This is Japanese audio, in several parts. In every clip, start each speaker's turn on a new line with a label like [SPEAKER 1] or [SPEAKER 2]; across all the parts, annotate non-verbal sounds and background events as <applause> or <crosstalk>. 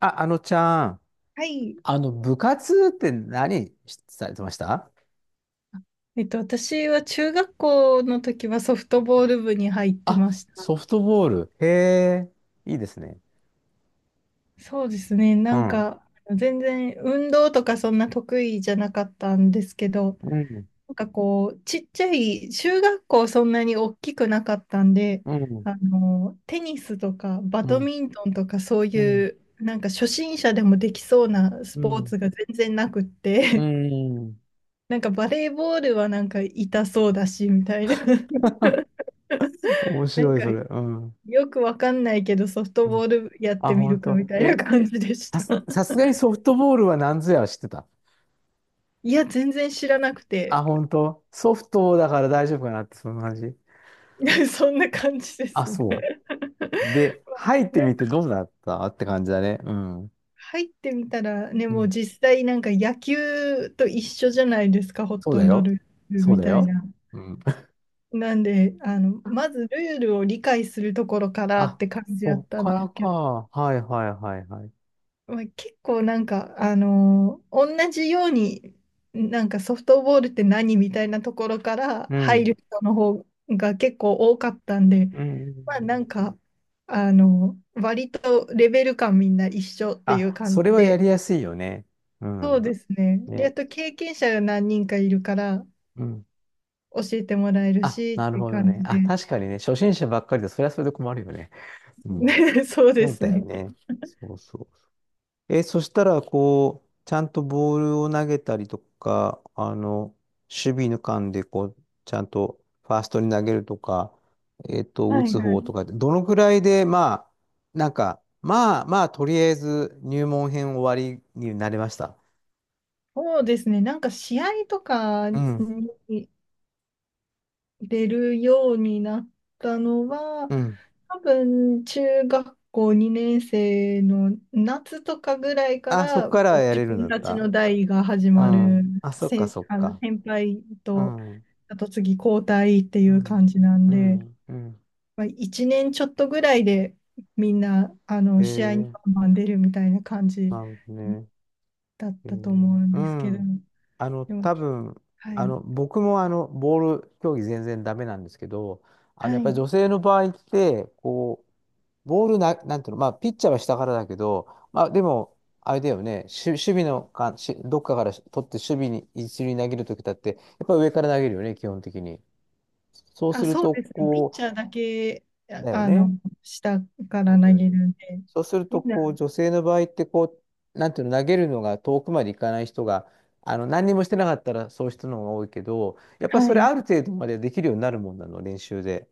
[SPEAKER 1] あ、あのちゃん、
[SPEAKER 2] はい。
[SPEAKER 1] あの、部活って何しされてました？
[SPEAKER 2] 私は中学校の時はソフトボール部に入って
[SPEAKER 1] あ、
[SPEAKER 2] ました。
[SPEAKER 1] ソフトボール。へえ、いいですね。
[SPEAKER 2] そうですね。
[SPEAKER 1] う
[SPEAKER 2] なん
[SPEAKER 1] ん。
[SPEAKER 2] か、全然運動とかそんな得意じゃなかったんですけど、
[SPEAKER 1] うん。
[SPEAKER 2] なんかこう、ちっちゃい、中学校そんなに大きくなかったんで、
[SPEAKER 1] うん。
[SPEAKER 2] テニスとかバ
[SPEAKER 1] う
[SPEAKER 2] ド
[SPEAKER 1] ん。
[SPEAKER 2] ミントンとかそう
[SPEAKER 1] う
[SPEAKER 2] い
[SPEAKER 1] ん。
[SPEAKER 2] う、なんか初心者でもできそうなス
[SPEAKER 1] う
[SPEAKER 2] ポーツ
[SPEAKER 1] ん。
[SPEAKER 2] が全然なくっ
[SPEAKER 1] う
[SPEAKER 2] て、
[SPEAKER 1] ん。
[SPEAKER 2] <laughs> なんかバレーボールはなんか痛そうだし、みたいな。<laughs>
[SPEAKER 1] <laughs> 面
[SPEAKER 2] なん
[SPEAKER 1] 白い、
[SPEAKER 2] か
[SPEAKER 1] それ。うん。
[SPEAKER 2] よくわかんないけど、ソフト
[SPEAKER 1] う
[SPEAKER 2] ボ
[SPEAKER 1] ん。
[SPEAKER 2] ールやっ
[SPEAKER 1] あ、
[SPEAKER 2] てみる
[SPEAKER 1] 本
[SPEAKER 2] かみ
[SPEAKER 1] 当。
[SPEAKER 2] たいな
[SPEAKER 1] え、
[SPEAKER 2] 感じでし
[SPEAKER 1] さ
[SPEAKER 2] た。
[SPEAKER 1] す、さす
[SPEAKER 2] <laughs>
[SPEAKER 1] がにソフトボールは何ぞやは知ってた。
[SPEAKER 2] いや、全然知らなくて、
[SPEAKER 1] あ、本当。ソフトだから大丈夫かなって、その話。
[SPEAKER 2] <laughs> そんな感じで
[SPEAKER 1] あ、
[SPEAKER 2] すね。
[SPEAKER 1] そう。で、入っ
[SPEAKER 2] <laughs>
[SPEAKER 1] て
[SPEAKER 2] なん
[SPEAKER 1] み
[SPEAKER 2] か
[SPEAKER 1] てどうだったって感じだね。うん。
[SPEAKER 2] 入ってみたら、ね、
[SPEAKER 1] う
[SPEAKER 2] もう
[SPEAKER 1] ん。
[SPEAKER 2] 実際なんか野球と一緒じゃないですか、ほ
[SPEAKER 1] そう
[SPEAKER 2] と
[SPEAKER 1] だ
[SPEAKER 2] んどル
[SPEAKER 1] よ。
[SPEAKER 2] ール
[SPEAKER 1] そう
[SPEAKER 2] み
[SPEAKER 1] だ
[SPEAKER 2] たい
[SPEAKER 1] よ。
[SPEAKER 2] な。
[SPEAKER 1] うん。
[SPEAKER 2] なんで、まずルールを理解するところからっ
[SPEAKER 1] あ、
[SPEAKER 2] て感じや
[SPEAKER 1] そ
[SPEAKER 2] っ
[SPEAKER 1] っ
[SPEAKER 2] たん
[SPEAKER 1] か
[SPEAKER 2] で
[SPEAKER 1] ら
[SPEAKER 2] すけど、
[SPEAKER 1] か。はいはいはいはい。
[SPEAKER 2] まあ、結構なんか、同じように、なんかソフトボールって何みたいなところから
[SPEAKER 1] う
[SPEAKER 2] 入
[SPEAKER 1] ん。
[SPEAKER 2] る人の方が結構多かったんで、
[SPEAKER 1] う
[SPEAKER 2] まあ
[SPEAKER 1] ん。
[SPEAKER 2] なんか、割とレベル感みんな一緒っていう
[SPEAKER 1] あ、
[SPEAKER 2] 感
[SPEAKER 1] それ
[SPEAKER 2] じ
[SPEAKER 1] はや
[SPEAKER 2] で、
[SPEAKER 1] りやすいよね。う
[SPEAKER 2] そう
[SPEAKER 1] ん。
[SPEAKER 2] ですね。で、あ
[SPEAKER 1] ね。
[SPEAKER 2] と経験者が何人かいるから
[SPEAKER 1] うん。
[SPEAKER 2] 教えてもらえる
[SPEAKER 1] あ、
[SPEAKER 2] し
[SPEAKER 1] な
[SPEAKER 2] っ
[SPEAKER 1] る
[SPEAKER 2] ていう
[SPEAKER 1] ほど
[SPEAKER 2] 感
[SPEAKER 1] ね。
[SPEAKER 2] じ
[SPEAKER 1] あ、
[SPEAKER 2] で、
[SPEAKER 1] 確かにね、初心者ばっかりで、それはそれで困るよね。う
[SPEAKER 2] <laughs>
[SPEAKER 1] ん。
[SPEAKER 2] ね、そうで
[SPEAKER 1] そう
[SPEAKER 2] す
[SPEAKER 1] だよ
[SPEAKER 2] ね。
[SPEAKER 1] ね。そうそう。え、そしたら、こう、ちゃんとボールを投げたりとか、あの、守備の間で、こう、ちゃんとファーストに投げるとか、
[SPEAKER 2] は
[SPEAKER 1] 打
[SPEAKER 2] い
[SPEAKER 1] つ
[SPEAKER 2] は
[SPEAKER 1] 方と
[SPEAKER 2] い。
[SPEAKER 1] かって、どのくらいで、まあ、なんか、まあまあ、とりあえず入門編終わりになりました。
[SPEAKER 2] そうですね。なんか試合とか
[SPEAKER 1] うん、
[SPEAKER 2] に出るようになったのは、
[SPEAKER 1] うん。
[SPEAKER 2] 多分中学校2年生の夏とかぐらいか
[SPEAKER 1] あ、そっ
[SPEAKER 2] らも
[SPEAKER 1] から
[SPEAKER 2] う
[SPEAKER 1] や
[SPEAKER 2] 自
[SPEAKER 1] れるんだ
[SPEAKER 2] 分
[SPEAKER 1] っ
[SPEAKER 2] たち
[SPEAKER 1] た？
[SPEAKER 2] の代が始
[SPEAKER 1] う
[SPEAKER 2] まる
[SPEAKER 1] ん。あ、そっか、
[SPEAKER 2] 先、
[SPEAKER 1] そっか。
[SPEAKER 2] 先輩
[SPEAKER 1] う
[SPEAKER 2] と
[SPEAKER 1] ん、う
[SPEAKER 2] あと次交代っていう
[SPEAKER 1] ん、
[SPEAKER 2] 感じなん
[SPEAKER 1] う
[SPEAKER 2] で、
[SPEAKER 1] ん、うん。
[SPEAKER 2] まあ、1年ちょっとぐらいでみんな
[SPEAKER 1] へ
[SPEAKER 2] 試合に
[SPEAKER 1] え、
[SPEAKER 2] バンバン出るみたいな感じ
[SPEAKER 1] なるほどね。
[SPEAKER 2] だっ
[SPEAKER 1] え
[SPEAKER 2] たと思う
[SPEAKER 1] ー
[SPEAKER 2] ん
[SPEAKER 1] う
[SPEAKER 2] ですけど、
[SPEAKER 1] ん。あの、
[SPEAKER 2] でも、
[SPEAKER 1] 多分、
[SPEAKER 2] は
[SPEAKER 1] あ
[SPEAKER 2] い、
[SPEAKER 1] の、僕もあの、ボール競技全然ダメなんですけど、あの、
[SPEAKER 2] は
[SPEAKER 1] やっぱり
[SPEAKER 2] い。
[SPEAKER 1] 女性の場合って、こう、ボールな、なんていうの、まあ、ピッチャーは下からだけど、まあ、でも、あれだよね、し守備のか、しどっかから取って守備に一塁に投げるときだって、やっぱり上から投げるよね、基本的に。そう
[SPEAKER 2] あ、
[SPEAKER 1] する
[SPEAKER 2] そうで
[SPEAKER 1] と、
[SPEAKER 2] すね。ピッ
[SPEAKER 1] こ
[SPEAKER 2] チャーだけ、
[SPEAKER 1] う、だよね。
[SPEAKER 2] 下か
[SPEAKER 1] そ
[SPEAKER 2] ら
[SPEAKER 1] うだ
[SPEAKER 2] 投
[SPEAKER 1] よ
[SPEAKER 2] げ
[SPEAKER 1] ね。
[SPEAKER 2] るんで、
[SPEAKER 1] そうする
[SPEAKER 2] み
[SPEAKER 1] と、
[SPEAKER 2] んな、
[SPEAKER 1] こう、女性の場合って、こう、なんていうの、投げるのが遠くまで行かない人が、あの、何にもしてなかったらそういう人の方が多いけど、やっぱり
[SPEAKER 2] は
[SPEAKER 1] それ
[SPEAKER 2] い。
[SPEAKER 1] ある程度までできるようになるもんなの、練習で。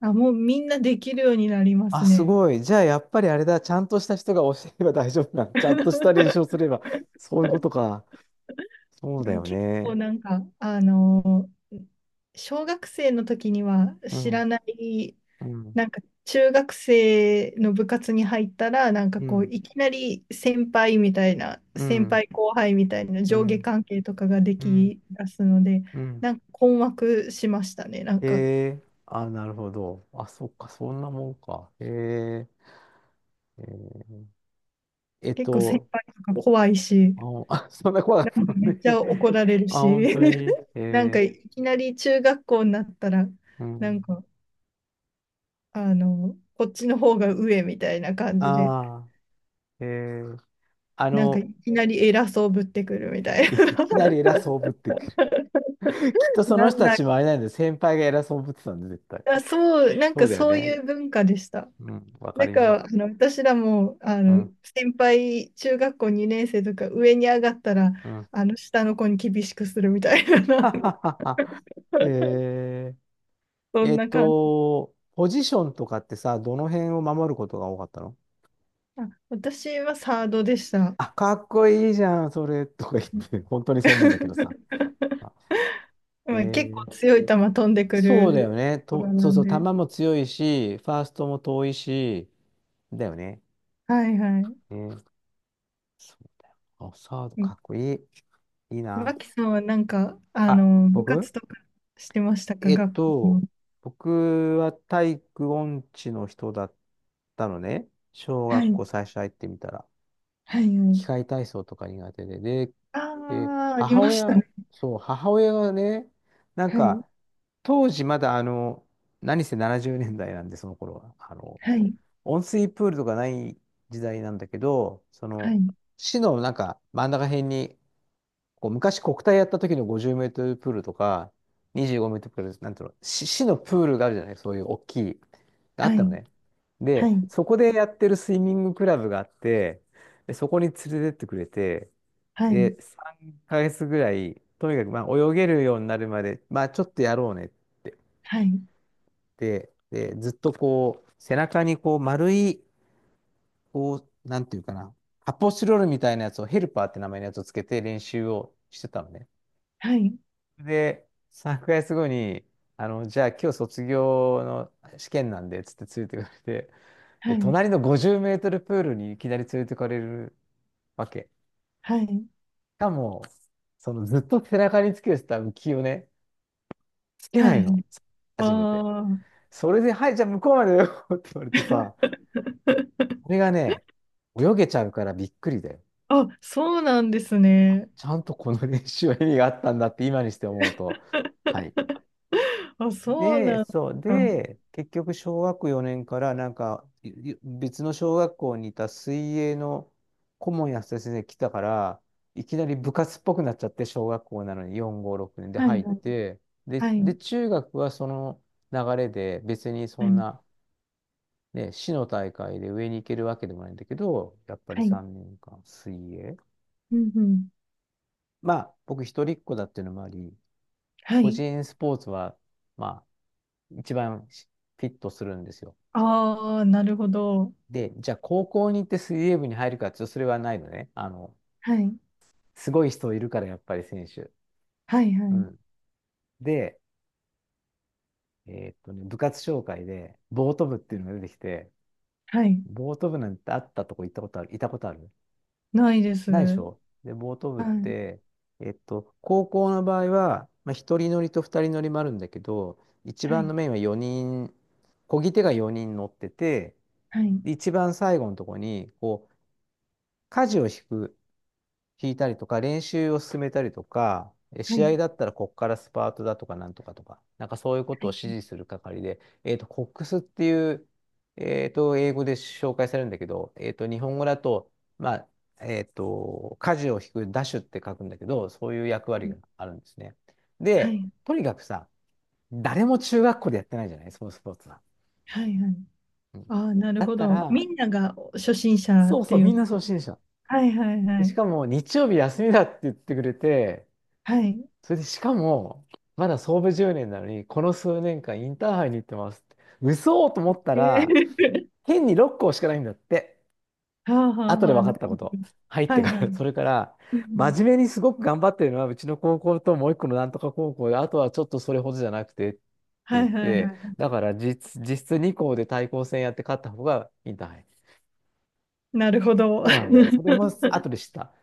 [SPEAKER 2] あ、もうみんなできるようになりま
[SPEAKER 1] あ、
[SPEAKER 2] す
[SPEAKER 1] す
[SPEAKER 2] ね。
[SPEAKER 1] ごい。じゃあ、やっぱりあれだ、ちゃんとした人が教えれば大丈夫なの。ちゃんとした練習をすれば、そういうことか。そう
[SPEAKER 2] で
[SPEAKER 1] だ
[SPEAKER 2] も
[SPEAKER 1] よ
[SPEAKER 2] 結構
[SPEAKER 1] ね。
[SPEAKER 2] なんか、小学生の時には
[SPEAKER 1] う
[SPEAKER 2] 知ら
[SPEAKER 1] ん、
[SPEAKER 2] ない、
[SPEAKER 1] うん、
[SPEAKER 2] なんか中学生の部活に入ったら、なんか
[SPEAKER 1] う
[SPEAKER 2] こう、
[SPEAKER 1] ん、
[SPEAKER 2] いきなり先輩みたいな、
[SPEAKER 1] う
[SPEAKER 2] 先
[SPEAKER 1] ん、
[SPEAKER 2] 輩後輩みたいな
[SPEAKER 1] う
[SPEAKER 2] 上下
[SPEAKER 1] ん、
[SPEAKER 2] 関係とかがで
[SPEAKER 1] うん、
[SPEAKER 2] き出すので、
[SPEAKER 1] うん。
[SPEAKER 2] なんか困惑しましたね。なんか
[SPEAKER 1] ええ、あ、なるほど。あ、そっか、そんなもんか。へえ、へえ。えっ
[SPEAKER 2] 結構先
[SPEAKER 1] と、
[SPEAKER 2] 輩とか怖いし、
[SPEAKER 1] あ、あ <laughs> そんな怖か
[SPEAKER 2] な
[SPEAKER 1] っ
[SPEAKER 2] ん
[SPEAKER 1] た
[SPEAKER 2] かめ
[SPEAKER 1] の
[SPEAKER 2] っ
[SPEAKER 1] ね。
[SPEAKER 2] ちゃ怒られ
[SPEAKER 1] <laughs>
[SPEAKER 2] る
[SPEAKER 1] あ、本
[SPEAKER 2] し、
[SPEAKER 1] 当に。
[SPEAKER 2] <laughs> なんか
[SPEAKER 1] え
[SPEAKER 2] いきなり中学校になったら、
[SPEAKER 1] ー、う
[SPEAKER 2] なん
[SPEAKER 1] ん。
[SPEAKER 2] か、こっちの方が上みたいな感じで、
[SPEAKER 1] ああ、えー、あ
[SPEAKER 2] なんか
[SPEAKER 1] の、
[SPEAKER 2] いきなり偉そうぶってくるみた
[SPEAKER 1] <laughs>
[SPEAKER 2] いな。
[SPEAKER 1] いきなり
[SPEAKER 2] <laughs>
[SPEAKER 1] 偉そうぶってくる。<laughs> きっとその
[SPEAKER 2] な
[SPEAKER 1] 人
[SPEAKER 2] ん
[SPEAKER 1] た
[SPEAKER 2] だ、
[SPEAKER 1] ちもあれなんで、先輩が偉そうぶってたんで、絶対。
[SPEAKER 2] あ、そう、なん
[SPEAKER 1] そ
[SPEAKER 2] か
[SPEAKER 1] うだよ
[SPEAKER 2] そう
[SPEAKER 1] ね。
[SPEAKER 2] いう文化でした。
[SPEAKER 1] うん、わか
[SPEAKER 2] なん
[SPEAKER 1] りま
[SPEAKER 2] か、
[SPEAKER 1] す。
[SPEAKER 2] 私らも、
[SPEAKER 1] うん、
[SPEAKER 2] 先輩、中学校2年生とか上に上がったら、
[SPEAKER 1] うん。
[SPEAKER 2] 下の子に厳しくするみたい
[SPEAKER 1] <laughs> は
[SPEAKER 2] な、
[SPEAKER 1] は
[SPEAKER 2] <laughs>
[SPEAKER 1] はは。えー、
[SPEAKER 2] そんな感じ。
[SPEAKER 1] ポジションとかってさ、どの辺を守ることが多かったの？
[SPEAKER 2] あ、私はサードでした。
[SPEAKER 1] あ、かっこいいじゃん、それ、とか言って、本当にそう
[SPEAKER 2] <laughs>
[SPEAKER 1] 思うんだけどさ。あ。え
[SPEAKER 2] まあ、結
[SPEAKER 1] ー。
[SPEAKER 2] 構強い球飛んでく
[SPEAKER 1] そうだよ
[SPEAKER 2] る
[SPEAKER 1] ね。
[SPEAKER 2] とこ
[SPEAKER 1] と、
[SPEAKER 2] ろ
[SPEAKER 1] そ
[SPEAKER 2] な
[SPEAKER 1] う
[SPEAKER 2] ん
[SPEAKER 1] そう、球
[SPEAKER 2] で。
[SPEAKER 1] も強いし、ファーストも遠いし、だよね。
[SPEAKER 2] はいはい。
[SPEAKER 1] ね。そうだよ。あ、サード
[SPEAKER 2] うん。
[SPEAKER 1] かっこいい。いいな。
[SPEAKER 2] 脇さんはなんか、
[SPEAKER 1] あ、
[SPEAKER 2] 部
[SPEAKER 1] 僕。
[SPEAKER 2] 活とかしてましたか、
[SPEAKER 1] えっ
[SPEAKER 2] 学校の。
[SPEAKER 1] と、僕は体育音痴の人だったのね。小
[SPEAKER 2] は
[SPEAKER 1] 学
[SPEAKER 2] い、
[SPEAKER 1] 校最初入ってみたら。
[SPEAKER 2] はい、は
[SPEAKER 1] 機
[SPEAKER 2] い。
[SPEAKER 1] 械体操とか苦手で。で、
[SPEAKER 2] ああ、あり
[SPEAKER 1] 母
[SPEAKER 2] ました
[SPEAKER 1] 親、
[SPEAKER 2] ね。
[SPEAKER 1] そう、母親がね、なん
[SPEAKER 2] はい、
[SPEAKER 1] か、当時まだあの、何せ70年代なんで、その頃は。あの、
[SPEAKER 2] はい、
[SPEAKER 1] 温水プールとかない時代なんだけど、そ
[SPEAKER 2] は
[SPEAKER 1] の、
[SPEAKER 2] い、
[SPEAKER 1] 市のなんか真ん中辺に、こう昔国体やった時の50メートルプールとか、25メートルプール、なんていうの、市のプールがあるじゃない、そういう大きい、があっ
[SPEAKER 2] は
[SPEAKER 1] た
[SPEAKER 2] い、
[SPEAKER 1] のね。
[SPEAKER 2] は
[SPEAKER 1] で、
[SPEAKER 2] い、
[SPEAKER 1] そこでやってるスイミングクラブがあって、で、そこに連れてってくれて、
[SPEAKER 2] はい、
[SPEAKER 1] で、3ヶ月ぐらい、とにかくまあ泳げるようになるまで、まあちょっとやろうねって。
[SPEAKER 2] はい、
[SPEAKER 1] で、ずっとこう、背中にこう丸い、こう、なんていうかな、発泡スチロールみたいなやつをヘルパーって名前のやつをつけて練習をしてたのね。
[SPEAKER 2] はい、
[SPEAKER 1] で、3ヶ月後に、あの、じゃあ今日卒業の試験なんで、つって連れてかれて、
[SPEAKER 2] は
[SPEAKER 1] で、
[SPEAKER 2] い、
[SPEAKER 1] 隣の50メートルプールにいきなり連れてかれるわけ。
[SPEAKER 2] はい、
[SPEAKER 1] しかも、そのずっと背中につけてた浮きをね、つけな
[SPEAKER 2] は
[SPEAKER 1] い
[SPEAKER 2] い。
[SPEAKER 1] の。
[SPEAKER 2] あ
[SPEAKER 1] 初めて。
[SPEAKER 2] あ。
[SPEAKER 1] それで、はい、じゃあ向こうまでよって言われてさ、これ
[SPEAKER 2] <laughs>
[SPEAKER 1] がね、泳げちゃうからびっくりだよ。
[SPEAKER 2] あ、そうなんですね。
[SPEAKER 1] ちゃんとこの練習は意味があったんだって今にして思うと。はい。
[SPEAKER 2] <laughs> あ、そう
[SPEAKER 1] で、
[SPEAKER 2] なんで
[SPEAKER 1] そう、
[SPEAKER 2] すか。は
[SPEAKER 1] で、結局、小学4年からなんか、いい別の小学校にいた水泳の顧問や先生が来たから、いきなり部活っぽくなっちゃって、小学校なのに4、5、6年で
[SPEAKER 2] いは
[SPEAKER 1] 入
[SPEAKER 2] い
[SPEAKER 1] って、で、
[SPEAKER 2] はい、
[SPEAKER 1] 中学はその流れで、別にそ
[SPEAKER 2] は
[SPEAKER 1] ん
[SPEAKER 2] い、
[SPEAKER 1] な、ね、市の大会で上に行けるわけでもないんだけど、やっぱり
[SPEAKER 2] はい、
[SPEAKER 1] 3年間水泳。
[SPEAKER 2] うん、うん、
[SPEAKER 1] まあ、僕一人っ子だっていうのもあり、
[SPEAKER 2] は
[SPEAKER 1] 個
[SPEAKER 2] い。
[SPEAKER 1] 人スポーツは、まあ、一番フィットするんですよ。
[SPEAKER 2] ああ、なるほど。
[SPEAKER 1] で、じゃあ高校に行って水泳部に入るかっていうと、それはないのね。あの、
[SPEAKER 2] はい、
[SPEAKER 1] すごい人いるから、やっぱり選手。
[SPEAKER 2] はい、は
[SPEAKER 1] う
[SPEAKER 2] い、
[SPEAKER 1] ん。で、部活紹介で、ボート部っていうのが出てきて、
[SPEAKER 2] はい。
[SPEAKER 1] ボート部なんてあったとこ行ったことある、いたことある？
[SPEAKER 2] ないです。
[SPEAKER 1] ないでし
[SPEAKER 2] は
[SPEAKER 1] ょ？で、ボート
[SPEAKER 2] い、
[SPEAKER 1] 部っ
[SPEAKER 2] は
[SPEAKER 1] て、高校の場合は、まあ、一人乗りと二人乗りもあるんだけど、一番
[SPEAKER 2] い、
[SPEAKER 1] のメインは4人、漕ぎ手が4人乗ってて、
[SPEAKER 2] はい、
[SPEAKER 1] で一番最後のところに、こう、舵を引く、引いたりとか、練習を進めたりとか、
[SPEAKER 2] は
[SPEAKER 1] 試
[SPEAKER 2] い、
[SPEAKER 1] 合だったらこっからスパートだとかなんとかとか、なんかそういうこと
[SPEAKER 2] は
[SPEAKER 1] を
[SPEAKER 2] い、
[SPEAKER 1] 指示する係で、コックスっていう、英語で紹介されるんだけど、日本語だと、まあ、舵を引く、ダッシュって書くんだけど、そういう役
[SPEAKER 2] は
[SPEAKER 1] 割
[SPEAKER 2] い、
[SPEAKER 1] があるんですね。
[SPEAKER 2] は
[SPEAKER 1] で、
[SPEAKER 2] い、
[SPEAKER 1] とにかくさ、誰も中学校でやってないじゃない、そのスポーツは。
[SPEAKER 2] はい。
[SPEAKER 1] うん。
[SPEAKER 2] ああ、なる
[SPEAKER 1] だっ
[SPEAKER 2] ほ
[SPEAKER 1] た
[SPEAKER 2] ど。み
[SPEAKER 1] ら、
[SPEAKER 2] んなが初心者
[SPEAKER 1] そう
[SPEAKER 2] って
[SPEAKER 1] そう、
[SPEAKER 2] い
[SPEAKER 1] み
[SPEAKER 2] う
[SPEAKER 1] んな
[SPEAKER 2] か。
[SPEAKER 1] 初心者。
[SPEAKER 2] はい、はい、は
[SPEAKER 1] でし
[SPEAKER 2] い、
[SPEAKER 1] かも、日曜日休みだって言ってくれて、
[SPEAKER 2] はい。
[SPEAKER 1] それでしかも、まだ創部10年なのに、この数年間インターハイに行ってますって。嘘と思ったら、
[SPEAKER 2] え
[SPEAKER 1] 変に6校しかないんだって。
[SPEAKER 2] ー。 <laughs> はあ、はあ、
[SPEAKER 1] 後で
[SPEAKER 2] はあ、
[SPEAKER 1] 分か
[SPEAKER 2] な
[SPEAKER 1] っ
[SPEAKER 2] る
[SPEAKER 1] た
[SPEAKER 2] ほ
[SPEAKER 1] こ
[SPEAKER 2] ど。
[SPEAKER 1] と。入っ
[SPEAKER 2] は
[SPEAKER 1] て
[SPEAKER 2] い、
[SPEAKER 1] か
[SPEAKER 2] はい。う
[SPEAKER 1] ら、<laughs>
[SPEAKER 2] ん、
[SPEAKER 1] それから、
[SPEAKER 2] うん。
[SPEAKER 1] 真面目にすごく頑張ってるのは、うちの高校ともう一個のなんとか高校で、あとはちょっとそれほどじゃなくてって
[SPEAKER 2] は
[SPEAKER 1] 言っ
[SPEAKER 2] い、はい、は
[SPEAKER 1] て、
[SPEAKER 2] い。
[SPEAKER 1] だから実質2校で対抗戦やって勝った方がインターハイ。
[SPEAKER 2] なるほど。<laughs> は
[SPEAKER 1] そうなんだよ。それも後で知った。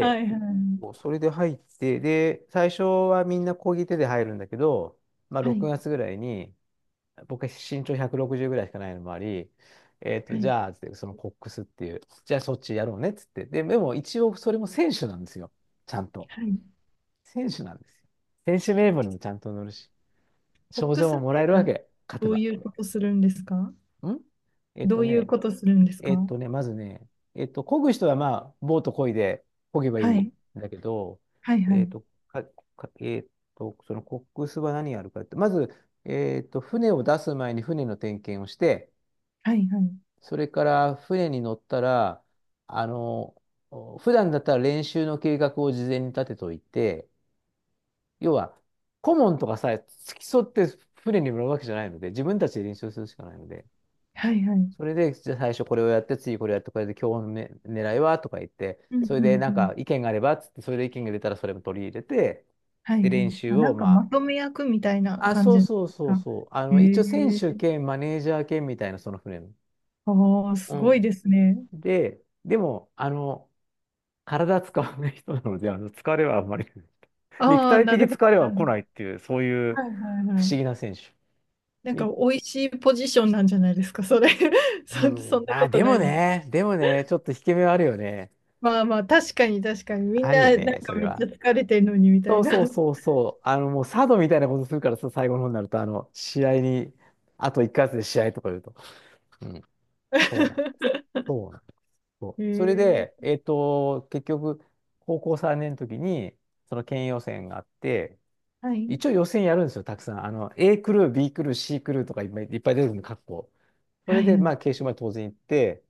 [SPEAKER 2] い、はい、
[SPEAKER 1] そうそれで入って、で、最初はみんな漕ぎ手で入るんだけど、まあ、
[SPEAKER 2] は
[SPEAKER 1] 6
[SPEAKER 2] い、
[SPEAKER 1] 月ぐらいに、僕は身長160ぐらいしかないのもあり、
[SPEAKER 2] は
[SPEAKER 1] じ
[SPEAKER 2] い、
[SPEAKER 1] ゃあ、つってそのコックスっていう、じゃあそっちやろうねっつって。で、でも一応それも選手なんですよ。ちゃんと。
[SPEAKER 2] はい。
[SPEAKER 1] 選手なんですよ。選手名簿にもちゃんと載るし、
[SPEAKER 2] フッ
[SPEAKER 1] 賞
[SPEAKER 2] ク
[SPEAKER 1] 状
[SPEAKER 2] ス
[SPEAKER 1] も
[SPEAKER 2] っ
[SPEAKER 1] も
[SPEAKER 2] てい
[SPEAKER 1] らえる
[SPEAKER 2] う
[SPEAKER 1] わ
[SPEAKER 2] のは
[SPEAKER 1] け、勝て
[SPEAKER 2] どう
[SPEAKER 1] ば。
[SPEAKER 2] いうことするんですか？
[SPEAKER 1] んえっ
[SPEAKER 2] ど
[SPEAKER 1] と
[SPEAKER 2] ういう
[SPEAKER 1] ね、
[SPEAKER 2] ことするんです
[SPEAKER 1] えっ
[SPEAKER 2] か？
[SPEAKER 1] とね、まずね、漕ぐ人はまあ、ボート漕いで漕げばい
[SPEAKER 2] は
[SPEAKER 1] いん
[SPEAKER 2] い。
[SPEAKER 1] だけど、
[SPEAKER 2] はいは
[SPEAKER 1] えっ
[SPEAKER 2] い。
[SPEAKER 1] と、か、かえっと、そのコックスは何やるかって、まず、船を出す前に船の点検をして、
[SPEAKER 2] はいはい。
[SPEAKER 1] それから船に乗ったら、あの、普段だったら練習の計画を事前に立てといて、要は、顧問とかさ、付き添って船に乗るわけじゃないので、自分たちで練習するしかないので、
[SPEAKER 2] はいはい。うん
[SPEAKER 1] それで、じゃあ最初これをやって、次これやって、これで今日の、ね、狙いはとか言って、
[SPEAKER 2] うん
[SPEAKER 1] それでなん
[SPEAKER 2] うん。
[SPEAKER 1] か意見があればっつって、それで意見が出たらそれも取り入れて、
[SPEAKER 2] はい
[SPEAKER 1] で、
[SPEAKER 2] はい。
[SPEAKER 1] 練習
[SPEAKER 2] あ、な
[SPEAKER 1] を
[SPEAKER 2] んか
[SPEAKER 1] ま
[SPEAKER 2] まとめ役みたいな
[SPEAKER 1] あ、あ、
[SPEAKER 2] 感
[SPEAKER 1] そう
[SPEAKER 2] じです
[SPEAKER 1] そうそう
[SPEAKER 2] か？
[SPEAKER 1] そう、あ
[SPEAKER 2] え
[SPEAKER 1] の、一応選
[SPEAKER 2] え
[SPEAKER 1] 手
[SPEAKER 2] ー。
[SPEAKER 1] 兼マネージャー兼みたいなそのフレーム。
[SPEAKER 2] ああ、す
[SPEAKER 1] う
[SPEAKER 2] ごい
[SPEAKER 1] ん。
[SPEAKER 2] ですね。
[SPEAKER 1] で、でも、あの、体使わない人なので、あの、疲れはあんまり <laughs> 肉
[SPEAKER 2] ああ、
[SPEAKER 1] 体
[SPEAKER 2] な
[SPEAKER 1] 的
[SPEAKER 2] るほど、
[SPEAKER 1] 疲れ
[SPEAKER 2] な
[SPEAKER 1] は
[SPEAKER 2] るほ
[SPEAKER 1] 来
[SPEAKER 2] ど。
[SPEAKER 1] ないっていう、そういう
[SPEAKER 2] はいはい
[SPEAKER 1] 不
[SPEAKER 2] は
[SPEAKER 1] 思
[SPEAKER 2] い。
[SPEAKER 1] 議な選手。
[SPEAKER 2] なんか
[SPEAKER 1] で、
[SPEAKER 2] 美味しいポジションなんじゃないですか、それ。<laughs> そ、
[SPEAKER 1] う
[SPEAKER 2] そ
[SPEAKER 1] ん。
[SPEAKER 2] んな
[SPEAKER 1] あ、
[SPEAKER 2] こと
[SPEAKER 1] で
[SPEAKER 2] な
[SPEAKER 1] も
[SPEAKER 2] い。
[SPEAKER 1] ね、でもね、ちょっと引け目はあるよね。
[SPEAKER 2] まあまあ、確かに確かに。みん
[SPEAKER 1] あるよ
[SPEAKER 2] なな
[SPEAKER 1] ね、
[SPEAKER 2] ん
[SPEAKER 1] そ
[SPEAKER 2] か
[SPEAKER 1] れ
[SPEAKER 2] めっち
[SPEAKER 1] は。
[SPEAKER 2] ゃ疲れてるのにみた
[SPEAKER 1] そ
[SPEAKER 2] い
[SPEAKER 1] う
[SPEAKER 2] な。
[SPEAKER 1] そうそうそう。あの、もうサードみたいなことするからさ、最後の方になると、あの、試合に、あと1ヶ月で試合とか言うと。うん。そうなん。
[SPEAKER 2] <laughs>
[SPEAKER 1] そうなん。そう。それ
[SPEAKER 2] へ
[SPEAKER 1] で、
[SPEAKER 2] え。
[SPEAKER 1] 結局、高校3年の時に、その県予選があって、
[SPEAKER 2] はい。
[SPEAKER 1] 一応予選やるんですよ、たくさん。あの、A クルー、B クルー、C クルーとかいっぱいいっぱい出てくるの、各校。そ
[SPEAKER 2] は
[SPEAKER 1] れ
[SPEAKER 2] い
[SPEAKER 1] で、
[SPEAKER 2] は
[SPEAKER 1] ま
[SPEAKER 2] い。
[SPEAKER 1] あ、決勝まで当然行って、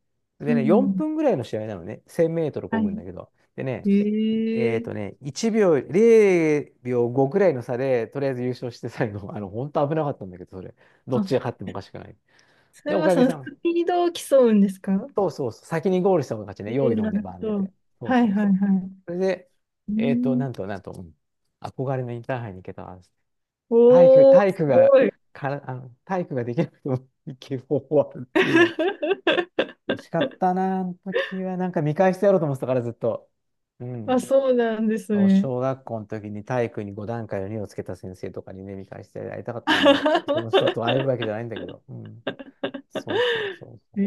[SPEAKER 2] う
[SPEAKER 1] でね、4
[SPEAKER 2] ん。
[SPEAKER 1] 分ぐらいの試合なのね、1000メートル漕ぐん
[SPEAKER 2] は
[SPEAKER 1] だけど。でね、
[SPEAKER 2] い。ええ。
[SPEAKER 1] 1秒、0秒5ぐらいの差で、とりあえず優勝して最後、<laughs> あの、本当危なかったんだけど、それ、どっち
[SPEAKER 2] あ、
[SPEAKER 1] が勝ってもおかしくない。
[SPEAKER 2] そ
[SPEAKER 1] で、
[SPEAKER 2] れ
[SPEAKER 1] お
[SPEAKER 2] は
[SPEAKER 1] か
[SPEAKER 2] そ
[SPEAKER 1] げ
[SPEAKER 2] の
[SPEAKER 1] さ
[SPEAKER 2] ス
[SPEAKER 1] ん、
[SPEAKER 2] ピードを競うんですか？
[SPEAKER 1] そうそうそう、先にゴールした方が勝ちね、
[SPEAKER 2] え
[SPEAKER 1] 用
[SPEAKER 2] え、
[SPEAKER 1] 意ど
[SPEAKER 2] な
[SPEAKER 1] んで
[SPEAKER 2] る
[SPEAKER 1] バン
[SPEAKER 2] ほ
[SPEAKER 1] 出
[SPEAKER 2] ど。
[SPEAKER 1] て。そう
[SPEAKER 2] は
[SPEAKER 1] そ
[SPEAKER 2] い
[SPEAKER 1] う
[SPEAKER 2] はい
[SPEAKER 1] そう。
[SPEAKER 2] は
[SPEAKER 1] それで、
[SPEAKER 2] い。う
[SPEAKER 1] なんと、
[SPEAKER 2] ん。
[SPEAKER 1] なんと、うん、憧れのインターハイに行けた。
[SPEAKER 2] おー、
[SPEAKER 1] 体
[SPEAKER 2] す
[SPEAKER 1] 育が、
[SPEAKER 2] ごい。
[SPEAKER 1] から、あの、体育ができなくても行ける方法はあるっていうね。
[SPEAKER 2] <laughs>
[SPEAKER 1] 嬉しかったな、あの時は。なんか見返してやろうと思ってたから、ずっと。う
[SPEAKER 2] あ、
[SPEAKER 1] ん。
[SPEAKER 2] そうなんです
[SPEAKER 1] そう、
[SPEAKER 2] ね。
[SPEAKER 1] 小学校の時に体育に5段階の2をつけた先生とかにね、見返してやりたかったね。その人と会えるわけ
[SPEAKER 2] <laughs>
[SPEAKER 1] じゃないんだけど。うん。そうそうそうそう。っ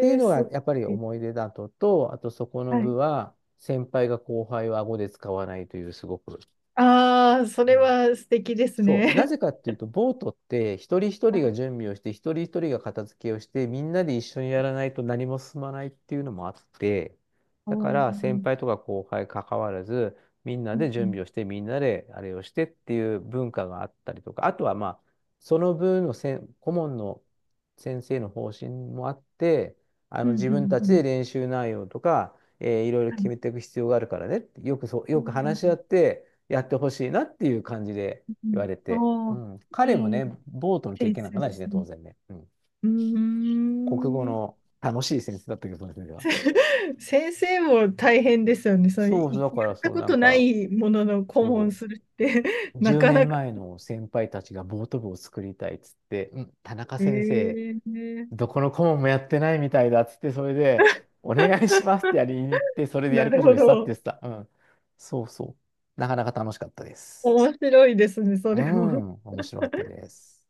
[SPEAKER 1] ていう
[SPEAKER 2] え、
[SPEAKER 1] の
[SPEAKER 2] すご
[SPEAKER 1] がやっぱり
[SPEAKER 2] い。
[SPEAKER 1] 思い出だと、と、あとそこの
[SPEAKER 2] は
[SPEAKER 1] 部
[SPEAKER 2] い。
[SPEAKER 1] は、先輩が後輩を顎で使わないという、すごく。
[SPEAKER 2] ああ、そ
[SPEAKER 1] う
[SPEAKER 2] れ
[SPEAKER 1] ん、
[SPEAKER 2] は素敵です
[SPEAKER 1] そう。な
[SPEAKER 2] ね。
[SPEAKER 1] ぜかっていうと、ボートって一人一
[SPEAKER 2] <laughs> は
[SPEAKER 1] 人が
[SPEAKER 2] い。
[SPEAKER 1] 準備をして、一人一人が片付けをして、みんなで一緒にやらないと何も進まないっていうのもあって、
[SPEAKER 2] お
[SPEAKER 1] だから先輩
[SPEAKER 2] ー。
[SPEAKER 1] とか後輩関わらず、みんな
[SPEAKER 2] う
[SPEAKER 1] で準
[SPEAKER 2] ん、
[SPEAKER 1] 備をして、みんなであれをしてっていう文化があったりとか、あとはまあ、その顧問の先生の方針もあって、あ
[SPEAKER 2] う
[SPEAKER 1] の
[SPEAKER 2] ん、
[SPEAKER 1] 自
[SPEAKER 2] うん、
[SPEAKER 1] 分た
[SPEAKER 2] う
[SPEAKER 1] ち
[SPEAKER 2] ん、
[SPEAKER 1] で
[SPEAKER 2] う
[SPEAKER 1] 練習内容とか、えーいろいろ
[SPEAKER 2] ん。は
[SPEAKER 1] 決め
[SPEAKER 2] い。
[SPEAKER 1] ていく必要があるからねって、
[SPEAKER 2] う
[SPEAKER 1] よく話し合っ
[SPEAKER 2] ん、
[SPEAKER 1] てやってほしいなっていう感じで。
[SPEAKER 2] う
[SPEAKER 1] 言わ
[SPEAKER 2] ん。
[SPEAKER 1] れて、う
[SPEAKER 2] おー、
[SPEAKER 1] ん、彼も
[SPEAKER 2] いい
[SPEAKER 1] ね、ボートの経
[SPEAKER 2] セン
[SPEAKER 1] 験なん
[SPEAKER 2] ス
[SPEAKER 1] かな
[SPEAKER 2] で
[SPEAKER 1] いし
[SPEAKER 2] す
[SPEAKER 1] ね、当
[SPEAKER 2] ね。
[SPEAKER 1] 然ね。うん、
[SPEAKER 2] うー
[SPEAKER 1] 国語
[SPEAKER 2] ん。
[SPEAKER 1] の楽しい先生だったけど、その先生は。
[SPEAKER 2] <laughs> 先生も大変ですよね。そう、
[SPEAKER 1] そうそう、
[SPEAKER 2] い
[SPEAKER 1] だから
[SPEAKER 2] やった
[SPEAKER 1] そう、
[SPEAKER 2] こ
[SPEAKER 1] なん
[SPEAKER 2] とな
[SPEAKER 1] か、
[SPEAKER 2] いものの顧問
[SPEAKER 1] そ
[SPEAKER 2] するって、 <laughs> な
[SPEAKER 1] 10
[SPEAKER 2] かな
[SPEAKER 1] 年
[SPEAKER 2] か。
[SPEAKER 1] 前の先輩たちがボート部を作りたいっつって、うん、田中
[SPEAKER 2] え
[SPEAKER 1] 先生、
[SPEAKER 2] ー。
[SPEAKER 1] どこの顧問もやってないみたいだっつって、それで、お願いしますって
[SPEAKER 2] <laughs>
[SPEAKER 1] やりに行って、それでや
[SPEAKER 2] な
[SPEAKER 1] るこ
[SPEAKER 2] る
[SPEAKER 1] と
[SPEAKER 2] ほ
[SPEAKER 1] にしたって言
[SPEAKER 2] ど。
[SPEAKER 1] ってた。うん。そうそう。なかなか楽しかったです。
[SPEAKER 2] 面白いですね、そ
[SPEAKER 1] う
[SPEAKER 2] れも。
[SPEAKER 1] ん、面白かったです。